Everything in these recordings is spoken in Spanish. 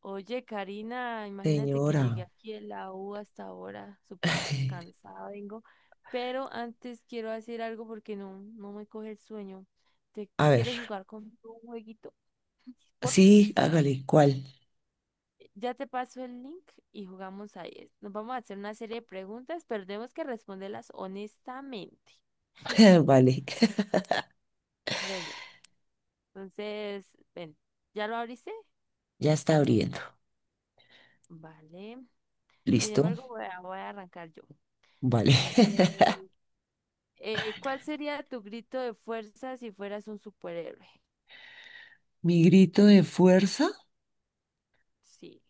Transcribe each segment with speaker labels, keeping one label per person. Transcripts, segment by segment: Speaker 1: Oye, Karina, imagínate que
Speaker 2: Señora,
Speaker 1: llegué aquí de la U hasta ahora, súper descansada vengo, pero antes quiero hacer algo porque no, no me coge el sueño. ¿Te
Speaker 2: a ver,
Speaker 1: quieres jugar con un jueguito? Porfis.
Speaker 2: sí, hágale, ¿cuál?
Speaker 1: Ya te paso el link y jugamos ahí. Nos vamos a hacer una serie de preguntas, pero tenemos que responderlas honestamente.
Speaker 2: Vale,
Speaker 1: Bueno, entonces, ven, ¿ya lo abriste?
Speaker 2: ya está abriendo.
Speaker 1: Vale. Sin
Speaker 2: ¿Listo?
Speaker 1: embargo, voy a arrancar yo.
Speaker 2: Vale.
Speaker 1: Entonces, ¿Cuál sería tu grito de fuerza si fueras un superhéroe?
Speaker 2: ¿Mi grito de fuerza?
Speaker 1: Sí.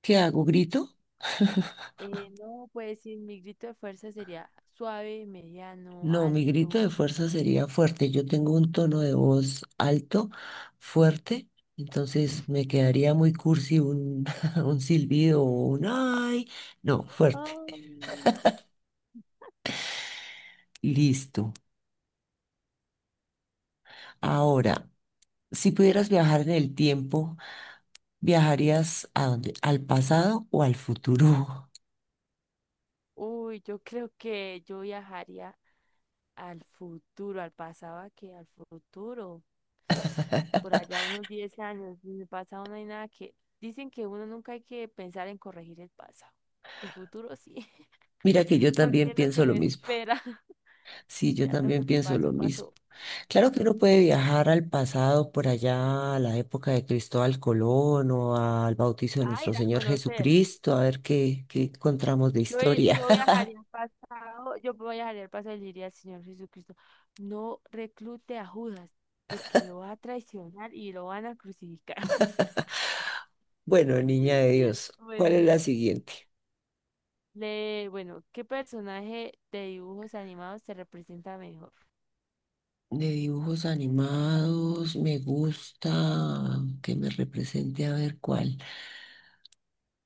Speaker 2: ¿Qué hago? ¿Grito?
Speaker 1: No, pues sí, mi grito de fuerza sería suave, mediano,
Speaker 2: No, mi grito
Speaker 1: alto.
Speaker 2: de fuerza sería fuerte. Yo tengo un tono de voz alto, fuerte, entonces me quedaría muy cursi un, un silbido o un ay. No, fuerte.
Speaker 1: Ay.
Speaker 2: Listo. Ahora, si pudieras viajar en el tiempo. ¿Viajarías a dónde? ¿Al pasado o al futuro?
Speaker 1: Uy, yo creo que yo viajaría al futuro, al pasado, ¿a qué? Al futuro. Por allá unos 10 años. En el pasado no hay nada que. Dicen que uno nunca hay que pensar en corregir el pasado. El futuro sí,
Speaker 2: Mira que yo también
Speaker 1: porque es lo que
Speaker 2: pienso lo
Speaker 1: me
Speaker 2: mismo.
Speaker 1: espera.
Speaker 2: Sí, yo
Speaker 1: Ya lo
Speaker 2: también
Speaker 1: que
Speaker 2: pienso lo
Speaker 1: pasó,
Speaker 2: mismo.
Speaker 1: pasó.
Speaker 2: Claro que uno puede viajar al pasado, por allá, a la época de Cristóbal Colón o al bautizo de
Speaker 1: Ah,
Speaker 2: nuestro
Speaker 1: ir a
Speaker 2: Señor
Speaker 1: conocer.
Speaker 2: Jesucristo, a ver qué encontramos de
Speaker 1: Yo, i-
Speaker 2: historia.
Speaker 1: yo viajaría al pasado, yo viajaría al pasado y le diría al Señor Jesucristo, no reclute a Judas, porque lo va a traicionar y lo van a crucificar.
Speaker 2: Bueno, niña de Dios, ¿cuál es
Speaker 1: Bueno,
Speaker 2: la siguiente?
Speaker 1: ¿qué personaje de dibujos animados se representa mejor?
Speaker 2: De dibujos animados, me gusta que me represente a ver cuál.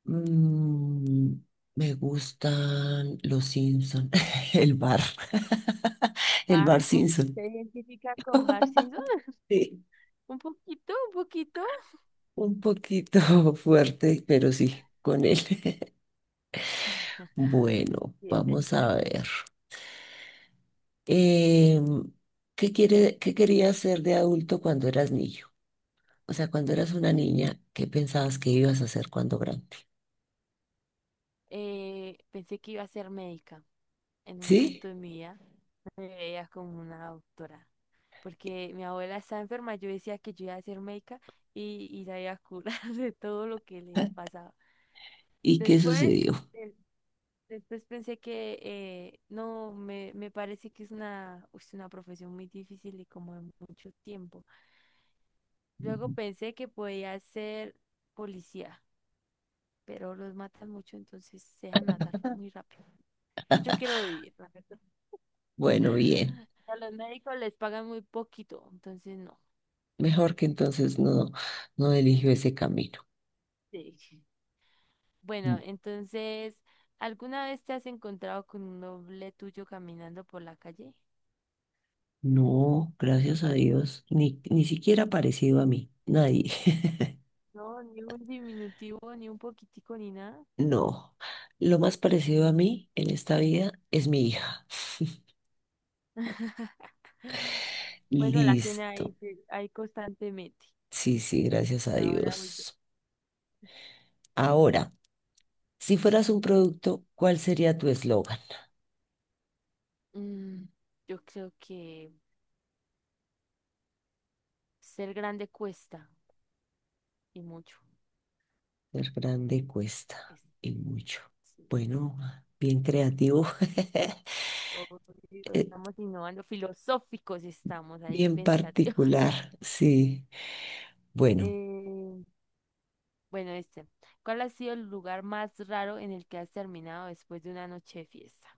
Speaker 2: Mm, me gustan los Simpson, el bar, el bar
Speaker 1: Bar, uy,
Speaker 2: Simpson.
Speaker 1: ¿se identifica con Bar Simpson?
Speaker 2: Sí,
Speaker 1: Un poquito, un poquito.
Speaker 2: un poquito fuerte, pero sí, con él. Bueno,
Speaker 1: Sí, es el
Speaker 2: vamos a
Speaker 1: chévere.
Speaker 2: ver. Em, ¿ qué querías ser de adulto cuando eras niño? O sea, cuando eras una niña, ¿qué pensabas que ibas a hacer cuando grande?
Speaker 1: Pensé que iba a ser médica en un punto
Speaker 2: ¿Sí?
Speaker 1: de mi vida. Me veía como una doctora, porque mi abuela estaba enferma, yo decía que yo iba a ser médica y la iba a curar de todo lo que le pasaba.
Speaker 2: ¿Y qué
Speaker 1: Después,
Speaker 2: sucedió?
Speaker 1: eh, después pensé que no, me parece que es una profesión muy difícil y como de mucho tiempo. Luego pensé que podía ser policía, pero los matan mucho, entonces se dejan matar muy rápido. Y yo quiero vivir.
Speaker 2: Bueno, bien.
Speaker 1: A los médicos les pagan muy poquito, entonces no.
Speaker 2: Mejor que entonces no, no eligió ese camino.
Speaker 1: Sí. Bueno, entonces, ¿alguna vez te has encontrado con un doble tuyo caminando por la calle?
Speaker 2: No, gracias a Dios, ni siquiera parecido a mí, nadie.
Speaker 1: No, ni un diminutivo, ni un poquitico, ni nada.
Speaker 2: No, lo más parecido a mí en esta vida es mi hija.
Speaker 1: Bueno, la tiene ahí,
Speaker 2: Listo.
Speaker 1: sí, ahí constantemente.
Speaker 2: Sí, sí, gracias a
Speaker 1: Bueno, ahora voy yo.
Speaker 2: Dios. Ahora, si fueras un producto, ¿cuál sería tu eslogan?
Speaker 1: Mm, yo creo que ser grande cuesta y mucho.
Speaker 2: Ser grande cuesta
Speaker 1: Es-
Speaker 2: y mucho.
Speaker 1: sí,
Speaker 2: Bueno, bien creativo,
Speaker 1: obvio,
Speaker 2: eh,
Speaker 1: estamos innovando, filosóficos estamos ahí,
Speaker 2: bien
Speaker 1: pensate.
Speaker 2: particular, sí. Bueno.
Speaker 1: Eh, bueno, este. ¿Cuál ha sido el lugar más raro en el que has terminado después de una noche de fiesta?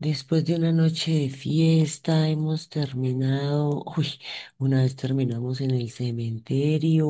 Speaker 2: Después de una noche de fiesta hemos terminado, uy, una vez terminamos en el cementerio,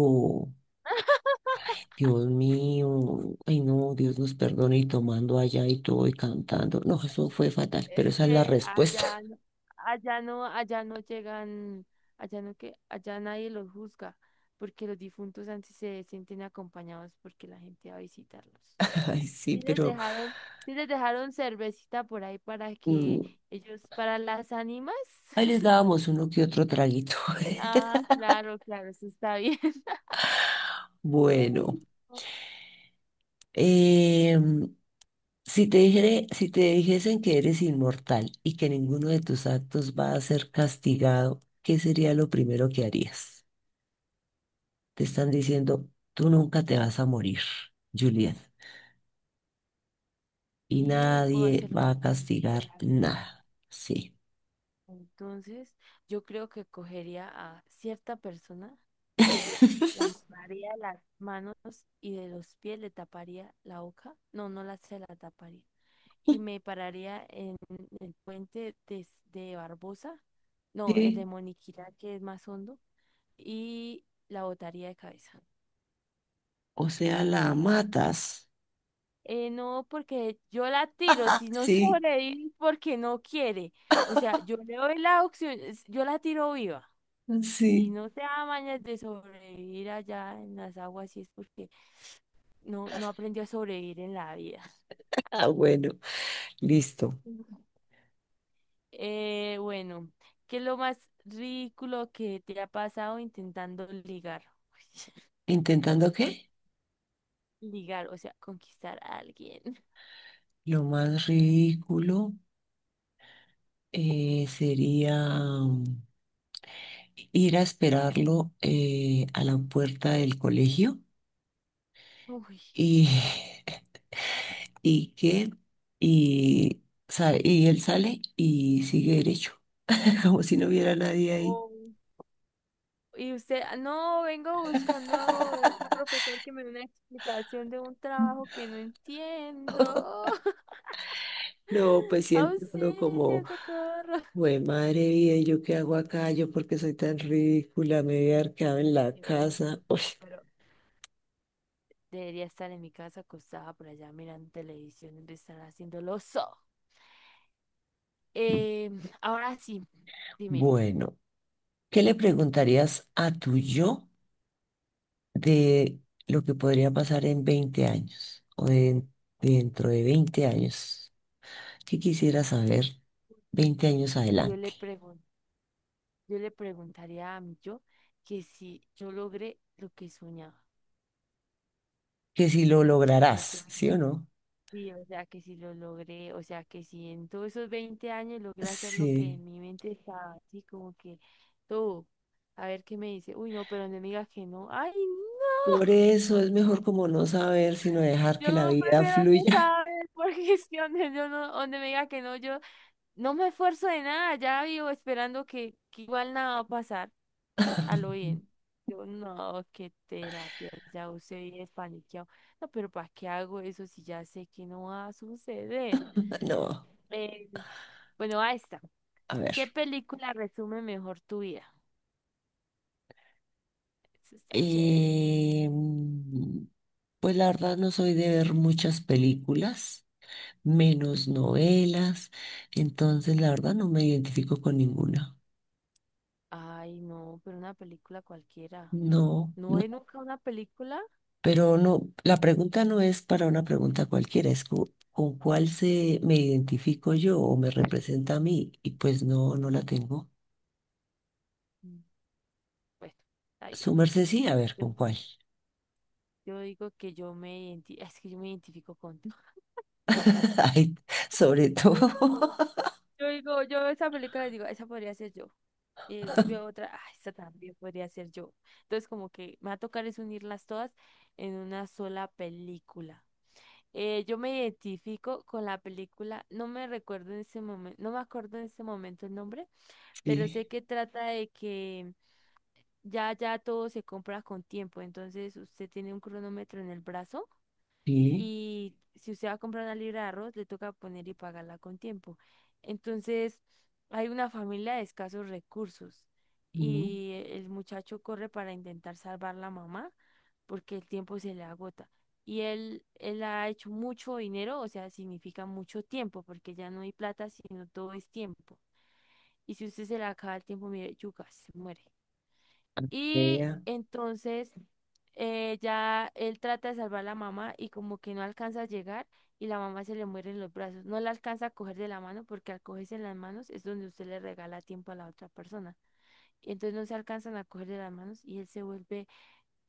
Speaker 2: Dios mío, ay no, Dios nos perdone y tomando allá y todo y cantando, no, eso fue fatal, pero
Speaker 1: Es
Speaker 2: esa es la
Speaker 1: que
Speaker 2: respuesta,
Speaker 1: allá, allá no llegan, allá no que, allá nadie los juzga, porque los difuntos antes se sienten acompañados porque la gente va a visitarlos.
Speaker 2: ay sí,
Speaker 1: Sí les
Speaker 2: pero
Speaker 1: dejaron, sí les dejaron cervecita por ahí para que
Speaker 2: mm,
Speaker 1: ellos, para las ánimas.
Speaker 2: ahí les dábamos uno que otro traguito.
Speaker 1: Ah, claro, claro, eso está bien.
Speaker 2: Bueno, em, si te dijesen que eres inmortal y que ninguno de tus actos va a ser castigado, ¿qué sería lo primero que harías? Te están diciendo, tú nunca te vas a morir, Juliet, y
Speaker 1: Y puedo
Speaker 2: nadie
Speaker 1: hacer lo
Speaker 2: va
Speaker 1: que me.
Speaker 2: a castigar nada. Sí.
Speaker 1: Entonces, yo creo que cogería a cierta persona, la amarraría de las manos y de los pies, le taparía la boca, no, no la se la taparía, y me pararía en el puente de Barbosa, no, el de
Speaker 2: Sí,
Speaker 1: Moniquirá, que es más hondo, y la botaría de cabeza,
Speaker 2: o sea, la
Speaker 1: literal.
Speaker 2: matas.
Speaker 1: No, porque yo la tiro, si no
Speaker 2: Sí,
Speaker 1: sobrevive, porque no quiere. O sea, yo le doy la opción, yo la tiro viva. Si
Speaker 2: sí.
Speaker 1: no te da mañas de sobrevivir allá en las aguas, sí es porque no, no aprendió a sobrevivir en la vida.
Speaker 2: Ah, bueno, listo.
Speaker 1: Bueno, ¿qué es lo más ridículo que te ha pasado intentando ligar?
Speaker 2: ¿Intentando qué?
Speaker 1: Ligar, o sea, conquistar a alguien.
Speaker 2: Lo más ridículo sería... ir a esperarlo a la puerta del colegio
Speaker 1: Uy.
Speaker 2: y, y que, y, y él sale y sigue derecho, como si no hubiera nadie ahí.
Speaker 1: Oh. Y usted, "Ah, no, vengo buscando un profesor que me dé una explicación de un trabajo que no entiendo."
Speaker 2: No, pues siente uno
Speaker 1: Auxilio,
Speaker 2: como,
Speaker 1: socorro.
Speaker 2: güey, madre mía, ¿yo qué hago acá? ¿Yo porque soy tan ridícula? Me voy a haber quedado en la
Speaker 1: Pero,
Speaker 2: casa.
Speaker 1: pues,
Speaker 2: Uy.
Speaker 1: no, pero debería estar en mi casa acostada por allá mirando televisión, donde estar haciendo lo so. Eh, ahora sí, dime,
Speaker 2: Bueno, ¿qué le preguntarías a tu yo? De lo que podría pasar en 20 años o dentro de 20 años. ¿Qué quisiera saber 20 años
Speaker 1: yo
Speaker 2: adelante?
Speaker 1: le pregun- yo le preguntaría a mi yo que si yo logré lo que soñaba.
Speaker 2: Que si lo
Speaker 1: Pues como que,
Speaker 2: lograrás,
Speaker 1: ay,
Speaker 2: ¿sí o no?
Speaker 1: sí, o sea, que si lo logré, o sea, que si en todos esos 20 años logré hacer lo que
Speaker 2: Sí.
Speaker 1: en mi mente estaba, así como que todo. A ver qué me dice. Uy, no, pero no me diga que no. Ay, no.
Speaker 2: Por eso es mejor como no saber, sino dejar que la
Speaker 1: Yo
Speaker 2: vida
Speaker 1: prefiero no
Speaker 2: fluya.
Speaker 1: saber porque es que yo no, donde me diga que no, yo no me esfuerzo de nada, ya vivo esperando que igual nada va a pasar a lo bien. Yo no, qué terapia, ya usted viene paniqueado. No, pero ¿para qué hago eso si ya sé que no va a suceder?
Speaker 2: No,
Speaker 1: Eh, bueno, ahí está.
Speaker 2: a ver.
Speaker 1: ¿Qué película resume mejor tu vida? Eso está chévere.
Speaker 2: Eh, pues la verdad no soy de ver muchas películas, menos novelas, entonces la verdad no me identifico con ninguna.
Speaker 1: Ay, no, pero una película cualquiera.
Speaker 2: No,
Speaker 1: ¿No
Speaker 2: no.
Speaker 1: ve nunca una película?
Speaker 2: Pero no, la pregunta no es para una pregunta cualquiera, es con cuál se me identifico yo o me representa a mí, y pues no, no la tengo.
Speaker 1: Mm, Bueno, está
Speaker 2: Su merced sí, a ver,
Speaker 1: bien.
Speaker 2: ¿con cuál?
Speaker 1: Yo digo que es que yo me identifico con todo.
Speaker 2: Ay, sobre todo.
Speaker 1: Yo digo, yo veo esa película y digo, esa podría ser yo. Y, y veo otra, ah, esa también podría ser yo. Entonces, como que me va a tocar es unirlas todas en una sola película. Yo me identifico con la película, no me recuerdo en ese momento, no me acuerdo en ese momento el nombre, pero
Speaker 2: Sí,
Speaker 1: sé que trata de que ya, ya todo se compra con tiempo. Entonces, usted tiene un cronómetro en el brazo
Speaker 2: sí,
Speaker 1: y si usted va a comprar una libra de arroz, le toca poner y pagarla con tiempo. Entonces, hay una familia de escasos recursos
Speaker 2: mm,
Speaker 1: y el muchacho corre para intentar salvar la mamá porque el tiempo se le agota. Y él ha hecho mucho dinero, o sea, significa mucho tiempo, porque ya no hay plata, sino todo es tiempo. Y si usted se le acaba el tiempo, mire, yuca, se muere. Y
Speaker 2: vea.
Speaker 1: entonces ya él trata de salvar a la mamá y como que no alcanza a llegar y la mamá se le muere en los brazos. No la alcanza a coger de la mano porque al cogerse en las manos es donde usted le regala tiempo a la otra persona. Y entonces no se alcanzan a coger de las manos y él se vuelve,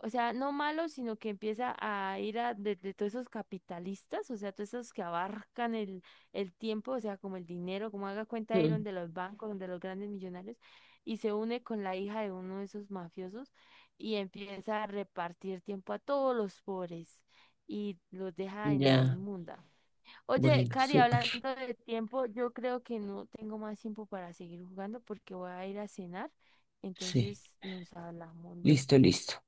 Speaker 1: o sea, no malo, sino que empieza a ir a de todos esos capitalistas, o sea, todos esos que abarcan el tiempo, o sea, como el dinero, como haga cuenta
Speaker 2: mm,
Speaker 1: Iron de los bancos, donde los grandes millonarios, y se une con la hija de uno de esos mafiosos y empieza a repartir tiempo a todos los pobres y los deja en la
Speaker 2: Ya,
Speaker 1: inmunda. Oye,
Speaker 2: bueno,
Speaker 1: Cari,
Speaker 2: súper.
Speaker 1: hablando de tiempo, yo creo que no tengo más tiempo para seguir jugando porque voy a ir a cenar,
Speaker 2: Sí,
Speaker 1: entonces nos hablamos
Speaker 2: listo,
Speaker 1: luego.
Speaker 2: listo.